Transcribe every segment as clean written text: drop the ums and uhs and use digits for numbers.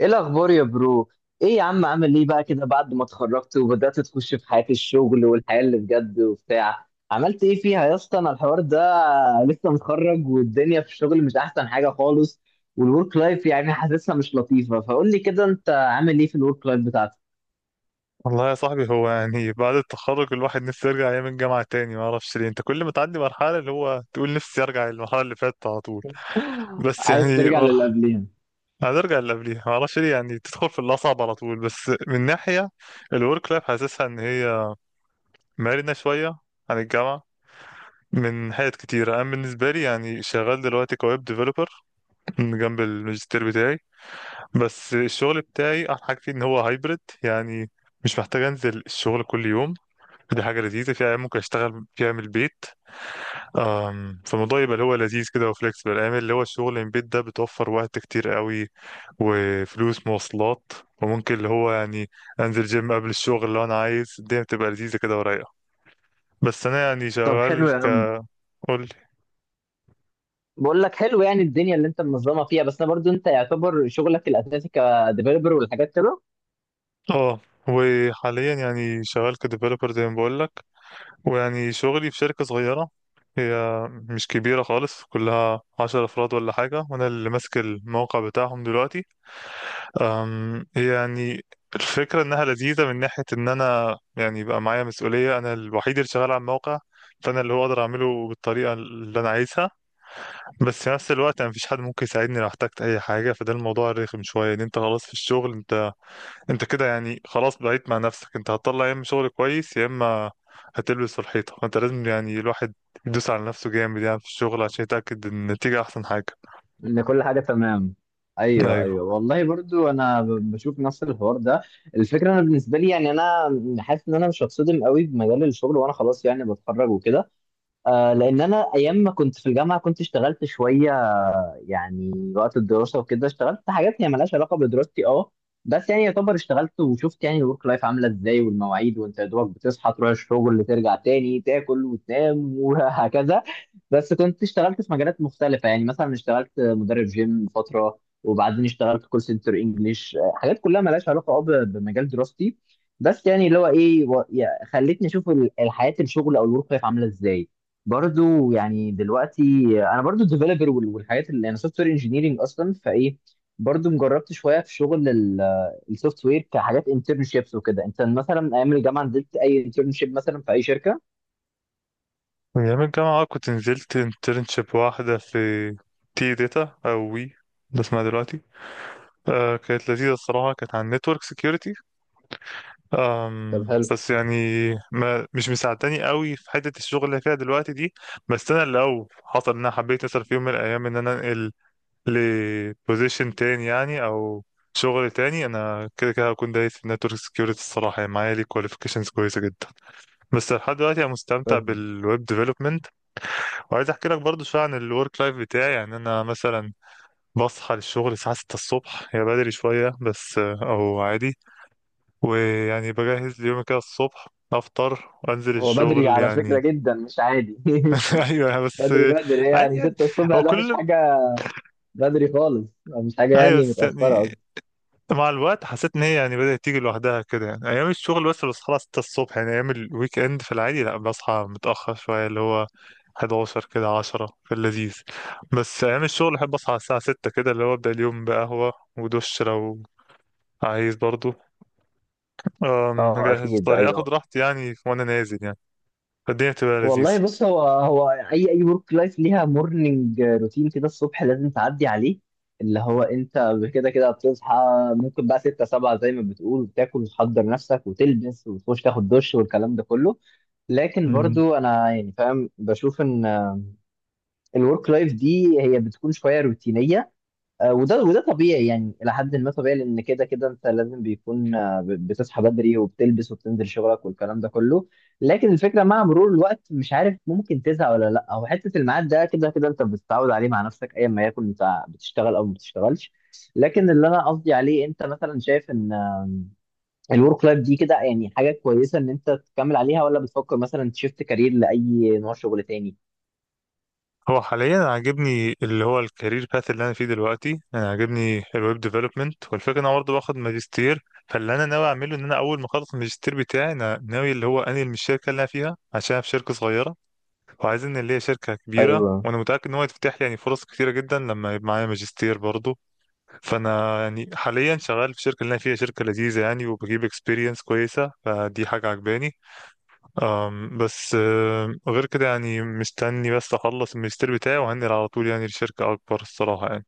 ايه الاخبار يا برو؟ ايه يا عم، عامل ايه بقى كده بعد ما اتخرجت وبدأت تخش في حياة الشغل والحياة اللي بجد وبتاع؟ عملت ايه فيها يا اسطى انا الحوار ده؟ لسه متخرج والدنيا في الشغل مش احسن حاجة خالص، والورك لايف حاسسها مش لطيفة، فقول لي كده انت عامل ايه في الورك لايف بتاعتك. والله يا صاحبي، هو يعني بعد التخرج الواحد نفسه يرجع ايام الجامعه تاني. ما اعرفش ليه، انت كل ما تعدي مرحله اللي هو تقول نفسي ارجع للمرحله اللي فاتت على طول. بس عايز يعني ترجع للي مرحله، قبلها. هنرجع اللي قبليها. ما اعرفش ليه، يعني تدخل في الاصعب على طول. بس من ناحيه الورك لايف حاسسها ان هي مرنه شويه عن الجامعه. من حاجات كتيرة، أنا بالنسبة لي يعني شغال دلوقتي كويب ديفلوبر جنب الماجستير بتاعي. بس الشغل بتاعي أحلى حاجة فيه إن هو هايبرد، يعني مش محتاج أنزل الشغل كل يوم. دي حاجة لذيذة، في أيام ممكن أشتغل فيها من البيت. فالموضوع يبقى اللي هو لذيذ كده وفليكسبل. أيام اللي هو الشغل من البيت ده بتوفر وقت كتير قوي وفلوس مواصلات، وممكن اللي هو يعني أنزل جيم قبل الشغل لو أنا عايز. الدنيا بتبقى لذيذة كده ورايقة. بس أنا يعني طب شغال. حلو يا عم. قول. بقول لك حلو الدنيا اللي انت منظمة فيها. بس انا برضو انت يعتبر شغلك الاساسي كديفيلوبر والحاجات كده، اه، وحاليا يعني شغال كديفلوبر زي ما بقول لك. ويعني شغلي في شركة صغيرة، هي مش كبيرة خالص، كلها عشر أفراد ولا حاجة، وأنا اللي ماسك الموقع بتاعهم دلوقتي. يعني الفكرة إنها لذيذة من ناحية إن أنا يعني بقى معايا مسؤولية، أنا الوحيد اللي شغال على الموقع. فأنا اللي هو أقدر أعمله بالطريقة اللي أنا عايزها. بس في نفس الوقت أنا مفيش حد ممكن يساعدني لو احتجت أي حاجة، فده الموضوع الرخم شوية، إن أنت خلاص في الشغل. أنت كده يعني خلاص بقيت مع نفسك، أنت هتطلع يا إما شغل كويس يا إما هتلبس في الحيطة. فأنت لازم يعني الواحد يدوس على نفسه جامد يعني في الشغل عشان يتأكد إن النتيجة أحسن حاجة. ان كل حاجه تمام. ايوه ايوه، أيوه، والله برضو انا بشوف نفس الحوار ده. الفكره انا بالنسبه لي يعني انا حاسس ان انا مش هتصدم قوي بمجال الشغل، وانا خلاص يعني بتخرج وكده. آه، لان انا ايام ما كنت في الجامعه كنت اشتغلت شويه، يعني وقت الدراسة وكده. اشتغلت حاجات هي ملهاش علاقة بدراستي، اه بس يعني يعتبر اشتغلت وشفت يعني الورك لايف عاملة ازاي، والمواعيد، وانت يا دوبك بتصحى تروح الشغل، ترجع تاني تاكل وتنام، وهكذا. بس كنت اشتغلت في مجالات مختلفة، يعني مثلا اشتغلت مدرب جيم فترة، وبعدين اشتغلت كول سنتر انجلش. حاجات كلها ملهاش علاقة، اه، بمجال دراستي، بس يعني اللي هو ايه خلتني اشوف الحياة الشغل او الورك لايف عاملة ازاي. برضو يعني دلوقتي انا برضو ديفلوبر والحاجات، اللي انا سوفت وير انجينيرنج اصلا، فايه، برضو مجربت شويه في شغل السوفت وير كحاجات انترنشيبس وكده. انت مثلا ايام الجامعه نزلت اي انترنشيب مثلا في اي شركه؟ من أيام الجامعة آه، كنت نزلت انترنشيب واحدة في تي داتا أو وي، ده اسمها دلوقتي. آه كانت لذيذة الصراحة، كانت عن نتورك سيكيورتي. طب حلو. بس يعني ما مش مساعداني قوي في حتة الشغل اللي فيها دلوقتي دي. بس أنا لو حصل إن أنا حبيت أسأل في يوم من الأيام إن أنا أنقل لبوزيشن تاني يعني أو شغل تاني، أنا كده كده هكون دايس في نتورك سيكيورتي الصراحة، يعني معايا ليه كواليفيكيشنز كويسة جدا. بس لحد دلوقتي أنا مستمتع طب بالويب development. وعايز احكي لك برضو شويه عن الورك لايف بتاعي. يعني انا مثلا بصحى للشغل الساعه 6 الصبح، هي بدري شويه بس او عادي. ويعني بجهز ليومي كده الصبح، افطر وانزل هو بدري الشغل على فكره يعني. جدا، مش عادي. ايوه بس بدري بدري، عادي يعني يعني. 6 الصبح هو ده مش كل حاجه. بدري خالص، مش حاجه ايوه يعني بس يعني متاخره. مع الوقت حسيت ان هي يعني بدأت تيجي لوحدها كده. يعني ايام الشغل بس بصحى الساعة 6 الصبح، يعني ايام الويك اند في العادي لا بصحى متأخر شوية، اللي هو 11 كده، 10، في اللذيذ. بس ايام الشغل احب اصحى على الساعة 6 كده، اللي هو ابدأ اليوم بقهوة ودش لو عايز برضو. اه اجهز اكيد، فطاري اخد ايوه. راحتي يعني وانا نازل يعني. فالدنيا بتبقى لذيذة. والله بص، هو هو اي اي ورك لايف ليها مورنينج روتين كده الصبح لازم تعدي عليه، اللي هو انت كده كده بتصحى، ممكن بقى 6، 7، زي ما بتقول، بتاكل وتحضر نفسك وتلبس وتخش تاخد دش والكلام ده كله. لكن برضو انا يعني فاهم، بشوف ان الورك لايف دي هي بتكون شويه روتينيه. آه، وده وده طبيعي يعني الى حد ما طبيعي، لان كده كده انت لازم بيكون آه، بتصحى بدري وبتلبس وبتنزل شغلك والكلام ده كله. لكن الفكره مع مرور الوقت، مش عارف ممكن تزهق ولا لا، او حته الميعاد ده كده كده انت بتتعود عليه مع نفسك ايا ما يكن، انت بتشتغل او ما بتشتغلش. لكن اللي انا قصدي عليه، انت مثلا شايف ان الورك لايف دي كده يعني حاجه كويسه ان انت تكمل عليها، ولا بتفكر مثلا تشفت كارير لاي نوع شغل تاني؟ هو حاليا عاجبني اللي هو الكارير باث اللي انا فيه دلوقتي، انا عاجبني الويب ديفلوبمنت. والفكره ان انا برضه باخد ماجستير، فاللي انا ناوي اعمله ان انا اول ما اخلص الماجستير بتاعي انا ناوي اللي هو انقل من الشركه اللي انا فيها، عشان أنا في شركه صغيره وعايزين اللي هي شركه كبيره. ايوه. وانا متاكد ان هو يتفتح لي يعني فرص كتيره جدا لما يبقى معايا ماجستير برضه. فانا يعني حاليا شغال في الشركه اللي انا فيها، شركه لذيذه يعني وبجيب اكسبيرينس كويسه، فدي حاجه عجباني. بس غير كده يعني مستني بس اخلص الماجستير بتاعي، وهنقل على طول يعني لشركة اكبر الصراحة يعني.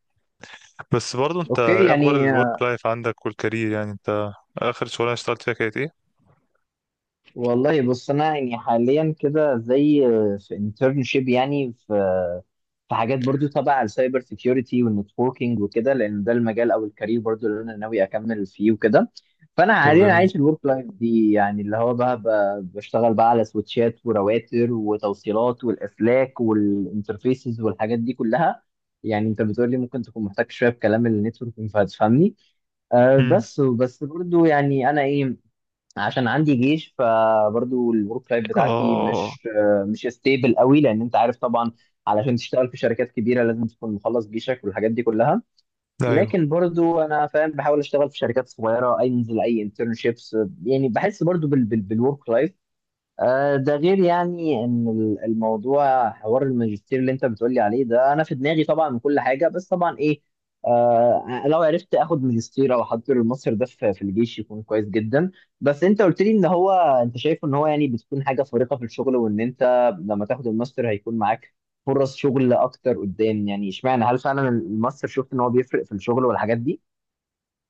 بس برضه انت اوكي ايه اخبار يعني. الورك لايف عندك والكارير؟ يعني انت اخر شغلانة اشتغلت فيها كانت ايه؟ والله بص، انا يعني حاليا كده زي في انترنشيب، يعني في في حاجات برضو تبع السايبر سيكيورتي والنتوركينج وكده، لان ده المجال او الكارير برضو اللي انا ناوي اكمل فيه وكده. فانا طب حاليا جميل. عايش الورك لايف دي، يعني اللي هو بقى بشتغل بقى على سويتشات ورواتر وتوصيلات والاسلاك والانترفيسز والحاجات دي كلها. يعني انت بتقول لي ممكن تكون محتاج شويه في كلام النتوركينج، فهتفهمني. أه، امم بس برضو يعني انا ايه، عشان عندي جيش، فبرضو الورك لايف بتاعتي اه. مش ستيبل قوي، لان انت عارف طبعا علشان تشتغل في شركات كبيره لازم تكون مخلص جيشك والحاجات دي كلها. ايوه. لكن برضو انا فاهم، بحاول اشتغل في شركات صغيره، انزل اي انترنشيبس، يعني بحس برضو بالورك لايف. آه، ده غير يعني ان الموضوع حوار الماجستير اللي انت بتقولي عليه ده انا في دماغي طبعا من كل حاجه، بس طبعا ايه، آه، لو عرفت اخد ماجستير او احضر الماستر ده في الجيش يكون كويس جدا. بس انت قلت لي ان هو، انت شايف ان هو يعني بتكون حاجه فارقه في الشغل، وان انت لما تاخد الماستر هيكون معاك فرص شغل اكتر قدام، يعني اشمعنى؟ هل فعلا الماستر شفت ان هو بيفرق في الشغل والحاجات دي؟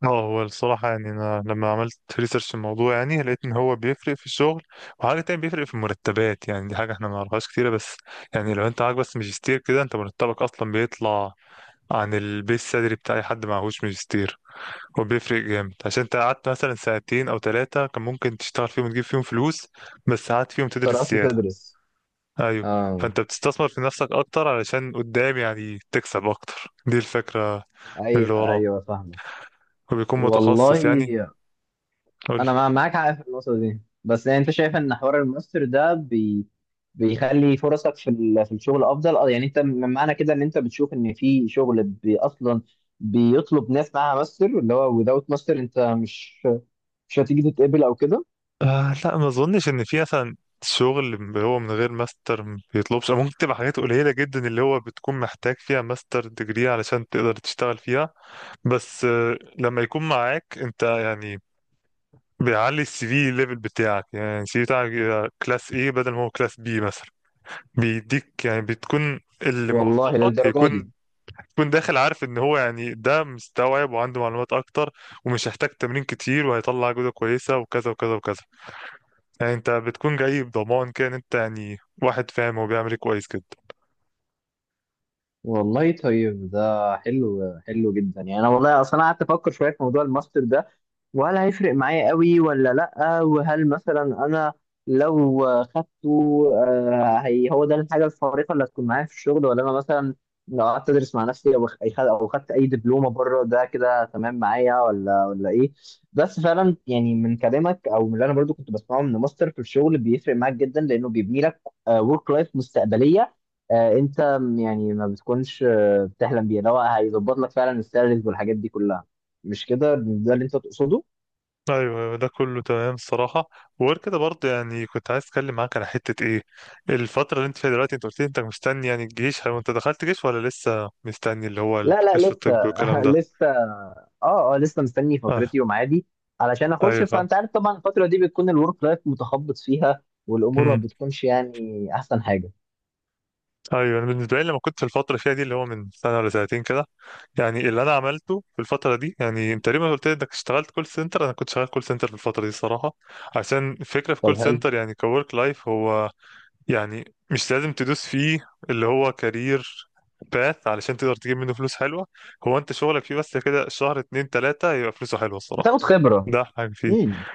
اه هو الصراحة يعني أنا لما عملت ريسيرش الموضوع يعني لقيت إن هو بيفرق في الشغل، وحاجة تانية بيفرق في المرتبات. يعني دي حاجة إحنا ما نعرفهاش كتيرة، بس يعني لو أنت معاك بس ماجستير كده، أنت مرتبك أصلا بيطلع عن البيس سالري بتاع أي حد معهوش ماجستير. هو بيفرق جامد، عشان انت قعدت مثلا سنتين او ثلاثة كان ممكن تشتغل فيهم وتجيب فيهم فلوس، بس قعدت فيهم تدرس قررت زيادة. تدرس. ايوه. اه. فانت بتستثمر في نفسك اكتر علشان قدام يعني تكسب اكتر، دي الفكرة. من اللي ايوه وراه، ايوه، فاهمه. وبيكون متخصص والله يعني. قولي. انا معاك حق في النقطه دي، بس يعني انت شايف ان حوار الماستر ده بي، بيخلي فرصك في في الشغل افضل، اه؟ يعني انت من معنى كده ان انت بتشوف ان في شغل بي اصلا بيطلب ناس معاها ماستر، اللي هو without ماستر انت مش هتيجي تتقبل او كده؟ آه لا، ما اظنش ان في مثلا شغل اللي هو من غير ماستر ما بيطلبش، أو ممكن تبقى حاجات قليلة جدا اللي هو بتكون محتاج فيها ماستر ديجري علشان تقدر تشتغل فيها. بس لما يكون معاك انت يعني بيعلي السي في ليفل بتاعك، يعني السي في بتاعك يبقى كلاس ايه بدل ما هو كلاس بي مثلا. بيديك يعني بتكون اللي والله موظفك للدرجه يكون دي! يكون داخل عارف ان هو يعني ده مستوعب وعنده معلومات اكتر، ومش هيحتاج تمرين كتير، وهيطلع جودة كويسة، وكذا وكذا وكذا. يعني انت بتكون جاي بضمان كده ان انت يعني واحد فاهم هو بيعمل ايه كويس كده. والله طيب، ده حلو حلو جدا، يعني انا والله اصلا قعدت افكر شويه في موضوع الماستر ده، وهل هيفرق معايا قوي ولا لأ؟ وهل مثلا أنا لو خدته، آه، هي هو ده الحاجة الفارقة اللي هتكون معايا في الشغل، ولا أنا مثلا لو قعدت أدرس مع نفسي أو خدت أي دبلومة بره ده كده تمام معايا، ولا إيه؟ بس فعلا يعني من كلامك، أو من اللي أنا برضو كنت بسمعه، من ماستر في الشغل بيفرق معاك جدا، لأنه بيبني لك ورك لايف مستقبلية. آه، أنت يعني ما بتكونش آه، بتحلم بيها، اللي هو هيظبط لك فعلا السالاريز والحاجات دي كلها. مش كده ده اللي أنت تقصده؟ ايوه أيوة، ده كله تمام الصراحه. وغير كده برضه يعني كنت عايز اتكلم معاك على حته ايه، الفتره اللي انت فيها دلوقتي، انت قلت لي انت مستني يعني الجيش. هو انت دخلت جيش ولا لسه مستني اللي هو لا لا، الكشف لسه. الطبي والكلام ده؟ لسه. اه اه، لسه مستني آه. فترتي وميعادي علشان اخش، ايوه فاهم. فانت عارف طبعا الفتره دي بتكون الورك لايف متخبط فيها، والامور ما امم بتكونش يعني احسن حاجه. ايوه، انا بالنسبه لي لما كنت في الفتره اللي فيها دي، اللي هو من سنه ولا سنتين كده، يعني اللي انا عملته في الفتره دي، يعني انت تقريبا قلت لي انك اشتغلت كول سنتر، انا كنت شغال كول سنتر في الفتره دي الصراحه. عشان الفكره في كول طب هل سنتر يعني كورك لايف هو يعني مش لازم تدوس فيه اللي هو كارير باث علشان تقدر تجيب منه فلوس حلوة. هو انت شغلك فيه بس كده شهر اتنين تلاتة يبقى فلوسه حلوة الصراحة، بتاخد خبره؟ ده أحلى حاجة فيه. امم.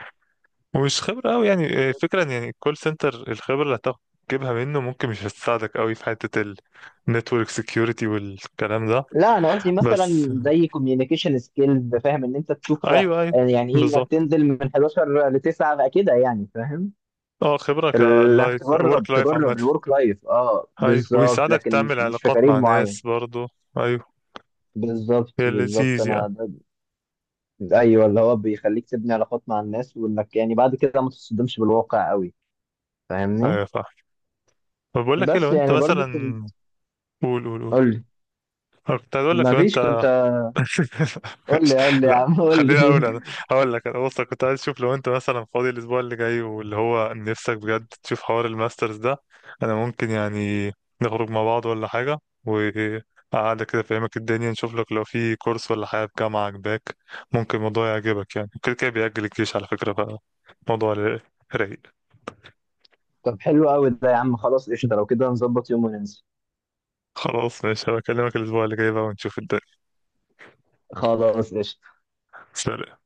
ومش خبرة أوي يعني فكرة إن يعني كول سنتر الخبرة اللي هتجيبها منه ممكن مش هتساعدك أوي في حتة النتورك سكيورتي والكلام ده. لا، انا قصدي بس مثلا زي كوميونيكيشن سكيلز، فاهم؟ ان انت تشوف آه، أيوه أيوه. يعني ايه انك بالظبط. تنزل من 11 ل 9 بقى كده، يعني فاهم. اه خبرة انك كلايف تجرب، ورك لايف عامة. تجرب الورك لايف، اه، أيوه، بالظبط، وبيساعدك لكن تعمل مش في علاقات كارير مع معين. ناس برضه. أيوه، بالظبط هي بالظبط، لذيذ يعني. انا. ايوه، اللي هو بيخليك تبني علاقات مع الناس، وانك يعني بعد كده ما تصدمش بالواقع قوي، فاهمني؟ أيوه فاهم. طب بقول لك ايه، لو بس انت يعني برضو كنت مثلا. قول قول قول. قول لي. انا كنت عايز اقول لك ما لو فيش انت. كنت قول ماشي. لي، قول لي يا لا، عم، قول خليني لي. اقول انا. هقول لك. انا بص، كنت عايز اشوف لو انت مثلا فاضي الاسبوع اللي جاي واللي هو نفسك بجد تشوف حوار الماسترز ده، انا ممكن يعني نخرج مع بعض ولا حاجه، وقعدة كده فاهمك الدنيا، نشوف لك لو في كورس ولا حاجه في جامعه عجباك. ممكن الموضوع يعجبك، يعني كده كده بيأجل الجيش على فكره، فالموضوع رايق. طب حلو قوي ده يا عم، خلاص قشطه. لو كده نظبط يوم وننزل. خلاص ماشي، هبكلمك الاسبوع اللي جاي بقى ونشوف الدنيا. خلاص قشطه. سلام.